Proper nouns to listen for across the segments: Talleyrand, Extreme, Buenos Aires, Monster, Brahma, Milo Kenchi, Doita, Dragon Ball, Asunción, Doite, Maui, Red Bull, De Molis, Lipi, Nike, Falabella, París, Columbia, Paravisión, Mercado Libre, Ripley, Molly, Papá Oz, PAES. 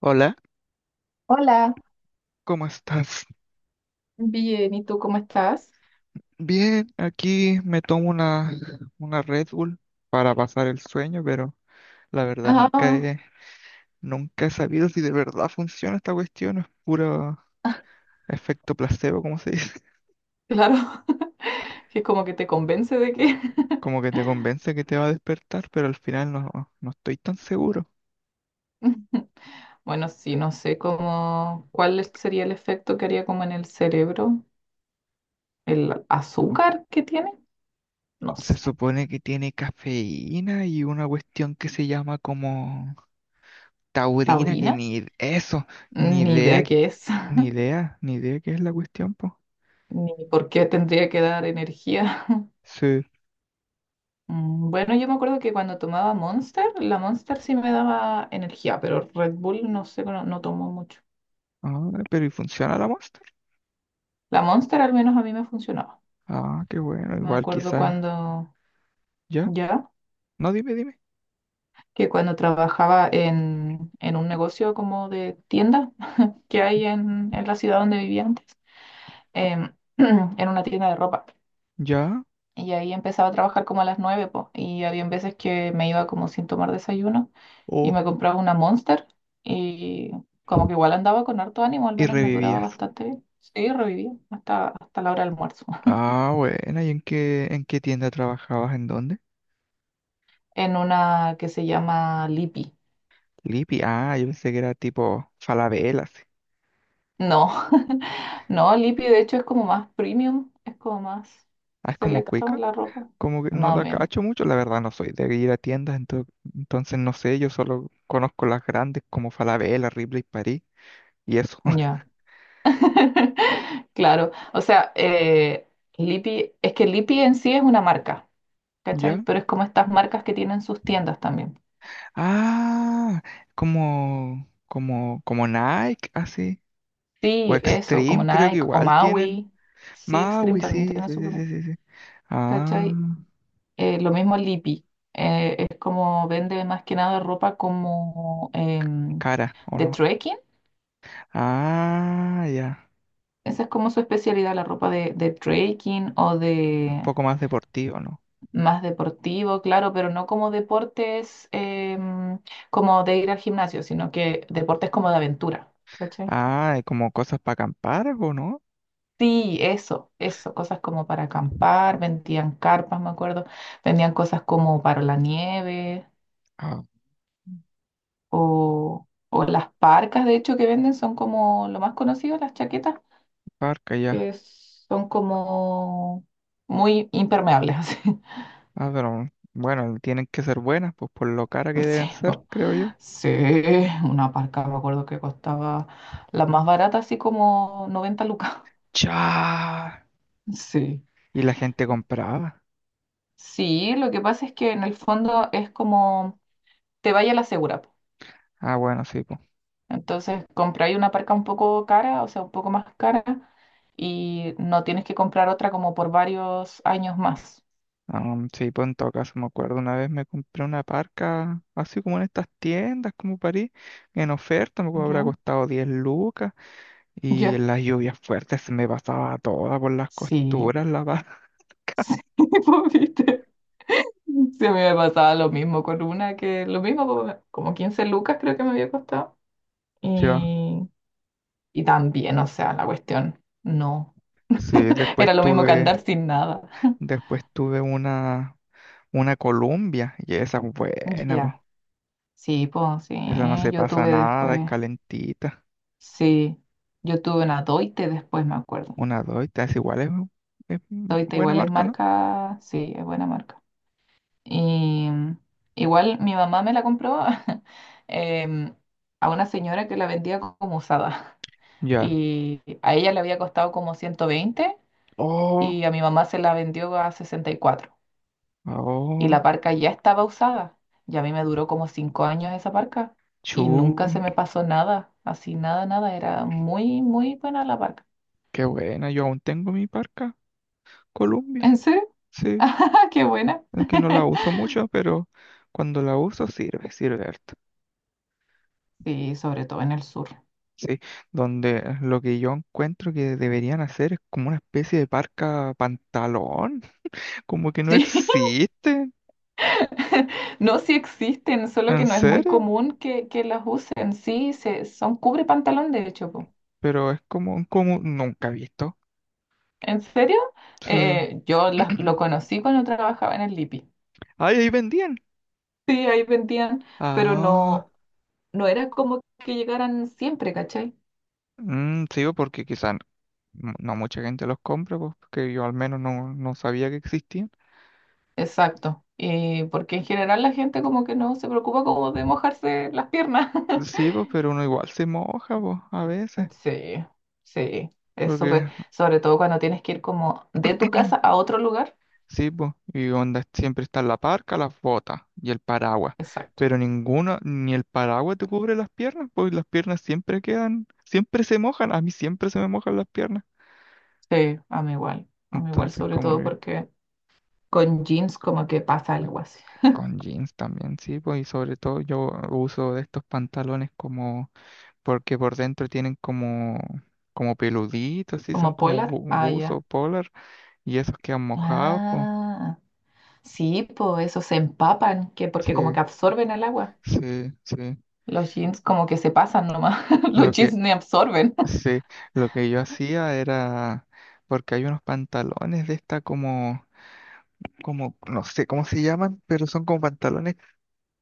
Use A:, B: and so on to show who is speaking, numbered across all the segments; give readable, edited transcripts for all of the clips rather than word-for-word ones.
A: Hola,
B: Hola,
A: ¿cómo estás?
B: bien, ¿y tú cómo estás?
A: Bien, aquí me tomo una Red Bull para pasar el sueño, pero la verdad
B: Ah,
A: nunca he sabido si de verdad funciona esta cuestión. Es puro efecto placebo, como se dice.
B: claro, que como que te convence de que.
A: Como que te convence que te va a despertar, pero al final no estoy tan seguro.
B: Bueno, sí, no sé cómo, sería el efecto que haría como en el cerebro, el azúcar que tiene, no
A: Se
B: sé,
A: supone que tiene cafeína y una cuestión que se llama como taurina, que
B: taurina,
A: ni eso, ni
B: ni
A: idea
B: idea
A: que,
B: qué es.
A: ni idea qué es la cuestión, po.
B: Ni por qué tendría que dar energía.
A: Sí.
B: Bueno, yo me acuerdo que cuando tomaba Monster, la Monster sí me daba energía, pero Red Bull no sé, no tomo mucho.
A: Ah, pero ¿y funciona la Monster?
B: La Monster al menos a mí me funcionaba.
A: Ah, qué bueno,
B: Me
A: igual
B: acuerdo
A: quizás.
B: cuando
A: ¿Ya?
B: ya,
A: No, dime, dime.
B: que cuando trabajaba en un negocio como de tienda que hay en la ciudad donde vivía antes, em, en una tienda de ropa.
A: ¿Ya?
B: Y ahí empezaba a trabajar como a las 9 po, y había veces que me iba como sin tomar desayuno y
A: Oh,
B: me compraba una Monster y como que igual andaba con harto ánimo, al
A: y
B: menos me duraba
A: revivías.
B: bastante bien. Sí, revivía hasta la hora del almuerzo.
A: Ah, bueno, ¿y en qué tienda trabajabas? ¿En dónde?
B: En una que se llama Lipi.
A: Lipi, ah, yo pensé que era tipo Falabella, así.
B: No. No, Lipi de hecho es como más premium, es como más
A: Ah, es como
B: selecto
A: Cuica.
B: la ropa.
A: Como que no
B: Más o
A: la
B: menos.
A: cacho mucho, la verdad no soy de ir a tiendas, entonces no sé, yo solo conozco las grandes como Falabella, Ripley, París y eso.
B: Ya. Claro. O sea, Lipi, es que Lipi en sí es una marca, ¿cachai?
A: ¿Ya?
B: Pero es como estas marcas que tienen sus tiendas también.
A: Ah, como Nike, así. O
B: Sí, eso, como
A: Extreme, creo que
B: Nike o
A: igual tienen.
B: Maui. Sí, Extreme
A: Maui,
B: también
A: sí,
B: tiene
A: sí,
B: su
A: sí, sí,
B: propia.
A: sí, sí. Ah,
B: ¿Cachai? Lo mismo Lipi. Es como vende más que nada ropa como
A: cara, ¿o
B: de
A: no?
B: trekking.
A: Ah, ya.
B: Esa es como su especialidad, la ropa de trekking o
A: Un
B: de
A: poco más deportivo, ¿no?
B: más deportivo, claro, pero no como deportes como de ir al gimnasio, sino que deportes como de aventura. ¿Cachai?
A: Ah, ¿y como cosas para acampar, o no?
B: Sí, eso, cosas como para acampar, vendían carpas, me acuerdo, vendían cosas como para la nieve
A: Ah,
B: o las parcas, de hecho, que venden son como lo más conocido, las chaquetas,
A: parca, ya.
B: que son como muy impermeables, así.
A: Ah, pero bueno, tienen que ser buenas, pues por lo cara que
B: Sí,
A: deben ser, creo yo.
B: sí, una parca, me acuerdo que costaba la más barata, así como 90 lucas.
A: ¡Chá!
B: Sí,
A: Y la gente compraba.
B: sí, lo que pasa es que en el fondo es como te vaya la segura, po.
A: Ah, bueno, sí, pues.
B: Entonces compráis una parca un poco cara, o sea, un poco más cara, y no tienes que comprar otra como por varios años más.
A: Sí, pues en todo caso me acuerdo, una vez me compré una parca, así como en estas tiendas como París, en oferta, me acuerdo, habrá
B: ¿Ya?
A: costado 10 lucas y
B: ¿Ya?
A: en las lluvias fuertes se me pasaba toda por las
B: Sí,
A: costuras la parca.
B: sí, pues, viste. Se me pasaba lo mismo con una que, lo mismo, po, como 15 lucas creo que me había costado.
A: Ya,
B: Y Y también, o sea, la cuestión, no.
A: sí,
B: Era lo mismo que andar sin nada.
A: después tuve una Columbia y esa es buena, po.
B: Ya, sí, pues sí,
A: Esa no se
B: yo
A: pasa
B: tuve
A: nada, es
B: después,
A: calentita.
B: sí, yo tuve una Doite después, me acuerdo.
A: Una Doita, es
B: Doite
A: buena
B: igual es
A: marca, ¿no?
B: marca, sí, es buena marca. Y igual mi mamá me la compró em, a una señora que la vendía como usada.
A: Ya.
B: Y a ella le había costado como 120
A: Oh,
B: y a mi mamá se la vendió a 64. Y
A: oh,
B: la parca ya estaba usada. Y a mí me duró como 5 años esa parca y
A: chu.
B: nunca se me pasó nada, así nada, nada. Era muy, muy buena la parca.
A: Qué buena, yo aún tengo mi parca Columbia,
B: ¿En serio?
A: sí,
B: ¡Qué buena!
A: es que no la uso mucho, pero cuando la uso sirve, sirve harto,
B: Sí, sobre todo en el sur.
A: sí, donde lo que yo encuentro que deberían hacer es como una especie de parca pantalón, como que no
B: Sí,
A: existe,
B: no, sí existen, solo que
A: en
B: no es muy
A: serio,
B: común que las usen. Sí, son cubre pantalón, de hecho, po.
A: pero es como, como nunca he visto,
B: ¿En serio?
A: sí.
B: Yo lo conocí cuando trabajaba en el Lipi.
A: Ay, ahí vendían,
B: Sí, ahí vendían, pero
A: ah,
B: no era como que llegaran siempre, ¿cachai?
A: mm, sí, porque quizás no mucha gente los compra, pues, porque yo al menos no, no sabía que existían.
B: Exacto. Y porque en general la gente como que no se preocupa como de mojarse las piernas.
A: Sí, pues, pero uno igual se moja, pues, a veces.
B: Sí, sí. Es
A: Porque,
B: súper, sobre todo cuando tienes que ir como de tu casa a otro lugar.
A: sí, pues, y onda, siempre está la parca, las botas y el paraguas.
B: Exacto.
A: Pero ninguno, ni el paraguas te cubre las piernas, pues las piernas siempre quedan, siempre se mojan. A mí siempre se me mojan las piernas.
B: Sí, a mí igual. A mí igual,
A: Entonces,
B: sobre
A: como
B: todo
A: que
B: porque con jeans como que pasa algo así.
A: con jeans también, sí, pues, y sobre todo yo uso de estos pantalones como, porque por dentro tienen como, como peluditos, sí, son
B: Como
A: como
B: polar,
A: bu
B: ah,
A: buzo,
B: ya.
A: polar, y esos quedan mojados, pues.
B: Ah, sí, pues esos se empapan, que porque como
A: Sí.
B: que absorben el agua.
A: Sí, sí.
B: Los jeans como que se pasan nomás. Los
A: Lo
B: jeans
A: que,
B: ni absorben.
A: sí, lo que yo hacía era, porque hay unos pantalones de esta como, como, no sé cómo se llaman, pero son como pantalones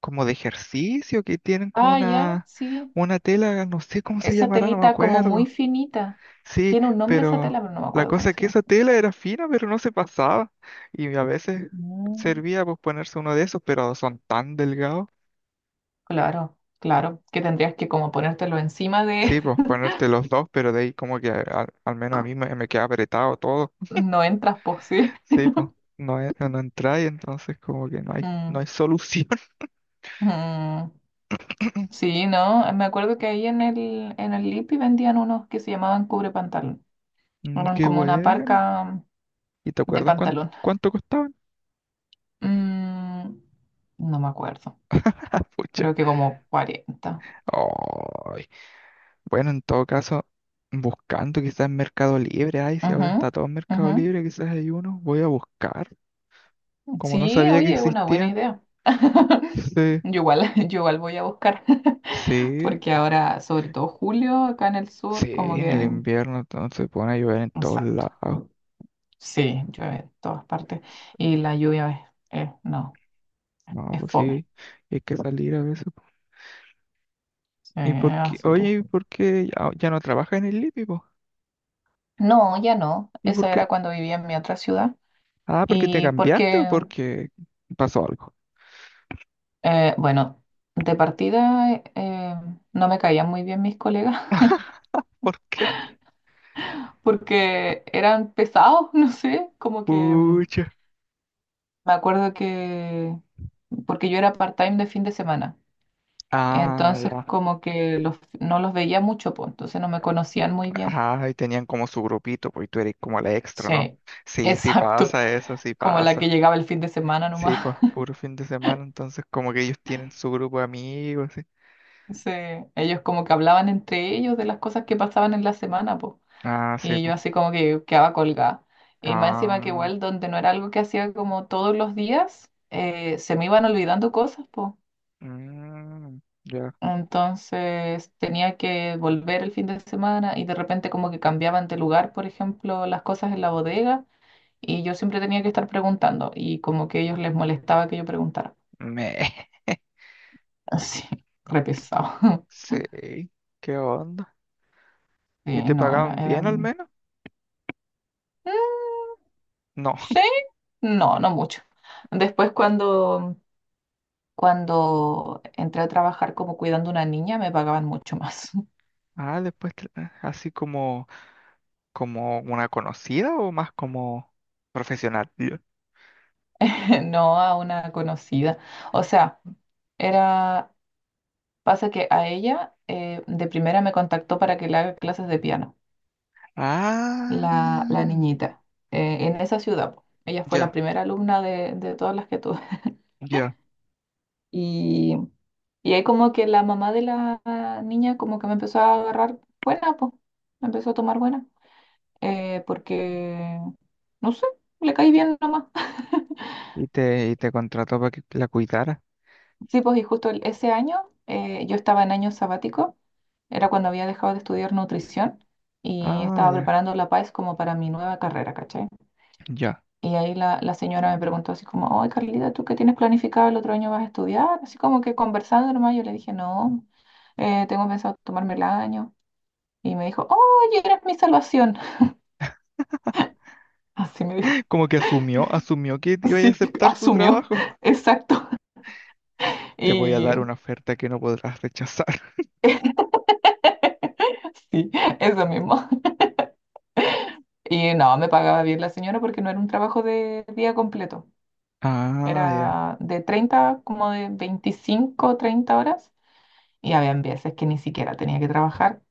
A: como de ejercicio que tienen como
B: Ah, ya, sí.
A: una tela, no sé cómo se
B: Esa
A: llamará, no me
B: telita como muy
A: acuerdo.
B: finita.
A: Sí,
B: Tiene un nombre esa tela,
A: pero
B: pero no me
A: la
B: acuerdo
A: cosa
B: cómo
A: es
B: se
A: que
B: llama.
A: esa tela era fina, pero no se pasaba. Y a veces
B: Mm,
A: servía pues ponerse uno de esos, pero son tan delgados.
B: claro, claro, que tendrías que como ponértelo encima de.
A: Sí, pues ponerte los dos, pero de ahí como que al menos a mí me queda apretado todo.
B: No entras, pues sí.
A: Sí, pues no, no entráis, entonces como que no hay, no
B: Mm,
A: hay solución.
B: mm. Sí, no, me acuerdo que ahí en el Lipi vendían unos que se llamaban cubre pantalón.
A: Mm,
B: Eran
A: qué
B: como una
A: bueno.
B: parca
A: ¿Y te
B: de
A: acuerdas cuánto,
B: pantalón.
A: cuánto costaban?
B: Mm, no me acuerdo.
A: Ah, pucha.
B: Creo que como 40.
A: Ay. Bueno, en todo caso, buscando quizás en Mercado Libre. Ay, si ahora
B: Ujú,
A: está todo en Mercado
B: ujú.
A: Libre, quizás hay uno. Voy a buscar. Como no
B: Sí,
A: sabía que
B: oye, una buena
A: existían.
B: idea.
A: Sí,
B: Yo igual voy a buscar,
A: sí,
B: porque ahora, sobre todo julio, acá en el sur, como
A: sí, en el
B: que.
A: invierno entonces se pone a llover en todos
B: Exacto.
A: lados.
B: Sí, llueve en todas partes y la lluvia no,
A: No,
B: es
A: pues
B: fome.
A: sí, hay que salir a veces, po.
B: Sí,
A: ¿Y por qué?
B: así que.
A: Oye, ¿y por qué ya no trabajas en el Lipi, po?
B: No, ya no.
A: ¿Y
B: Eso
A: por qué?
B: era cuando vivía en mi otra ciudad.
A: Ah, ¿porque te
B: Y
A: cambiaste o
B: porque,
A: porque pasó algo?
B: bueno, de partida no me caían muy bien mis colegas
A: ¿Por qué?
B: porque eran pesados, no sé, como que.
A: Pucha.
B: Me acuerdo que, porque yo era part-time de fin de semana,
A: Ah,
B: entonces
A: ya.
B: como que no los veía mucho, pues, entonces no me conocían muy bien.
A: Ah, y tenían como su grupito, pues, y tú eres como la extra, ¿no?
B: Sí,
A: Sí, sí
B: exacto,
A: pasa eso, sí
B: como la que
A: pasa.
B: llegaba el fin de semana
A: Sí,
B: nomás.
A: pues, puro fin de semana, entonces como que ellos tienen su grupo de amigos, sí.
B: Sí, ellos como que hablaban entre ellos de las cosas que pasaban en la semana, pues,
A: Ah, sí,
B: y yo
A: pues.
B: así como que quedaba colgada. Y más encima que
A: Ah,
B: igual, donde no era algo que hacía como todos los días, se me iban olvidando cosas, pues.
A: mm, ya.
B: Entonces tenía que volver el fin de semana y de repente como que cambiaban de lugar, por ejemplo, las cosas en la bodega y yo siempre tenía que estar preguntando y como que a ellos les molestaba que yo preguntara.
A: Me.
B: Así, re pesado.
A: Sí, ¿qué onda? ¿Y
B: Sí,
A: te
B: no,
A: pagaban bien al
B: eran.
A: menos?
B: "Mm,
A: No.
B: Sí, no, no mucho. Después cuando entré a trabajar como cuidando a una niña me pagaban mucho más,
A: Ah, después, así como, como una conocida o más como profesional. Ya.
B: no a una conocida. O sea, era Pasa que a ella de primera me contactó para que le haga clases de piano,
A: Ah,
B: la niñita, en esa ciudad, po. Ella fue la
A: ya,
B: primera alumna de todas las que tuve.
A: ya.
B: Y, y ahí como que la mamá de la niña como que me empezó a agarrar buena, pues, me empezó a tomar buena, porque, no sé, le caí bien nomás.
A: Y y te contrató para que la cuidara.
B: Sí, pues y justo ese año yo estaba en año sabático, era cuando había dejado de estudiar nutrición y
A: Ah,
B: estaba
A: ya,
B: preparando la PAES como para mi nueva carrera, ¿cachai?
A: ya.
B: Y ahí la señora me preguntó así como, oye Carlita, ¿tú qué tienes planificado el otro año vas a estudiar? Así como que conversando nomás, yo le dije, no, tengo pensado tomarme el año. Y me dijo, oye, eres mi salvación. Así me dijo.
A: Como que asumió que te iba a
B: Sí,
A: aceptar su
B: asumió,
A: trabajo.
B: exacto.
A: Te voy a
B: Y
A: dar una oferta que no podrás rechazar.
B: sí, eso mismo. Y no, me pagaba bien la señora porque no era un trabajo de día completo.
A: Ah, ya.
B: Era de 25-30 horas. Y había veces que ni siquiera tenía que trabajar.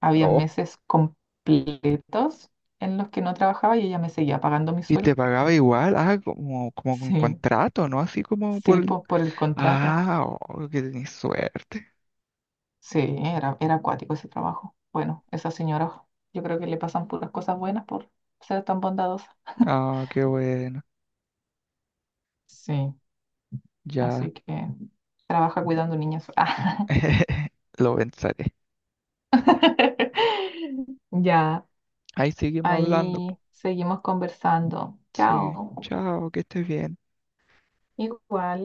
B: Había
A: Oh.
B: meses completos en los que no trabajaba y ella me seguía pagando mi
A: Y te
B: sueldo.
A: pagaba igual, ah, como, como con
B: Sí,
A: contrato, ¿no? Así como por
B: sí,
A: el...
B: pues por el contrato.
A: Ah, oh, que tenés suerte.
B: Sí, era acuático ese trabajo. Bueno, esa señora, yo creo que le pasan puras cosas buenas por ser tan bondadosa.
A: Ah, qué bueno.
B: Sí,
A: Ya,
B: así que trabaja cuidando niños. Ah.
A: lo pensaré.
B: Ya,
A: Ahí seguimos hablando, po.
B: ahí seguimos conversando.
A: Sí.
B: Chao.
A: Chao, que estés bien.
B: Igual.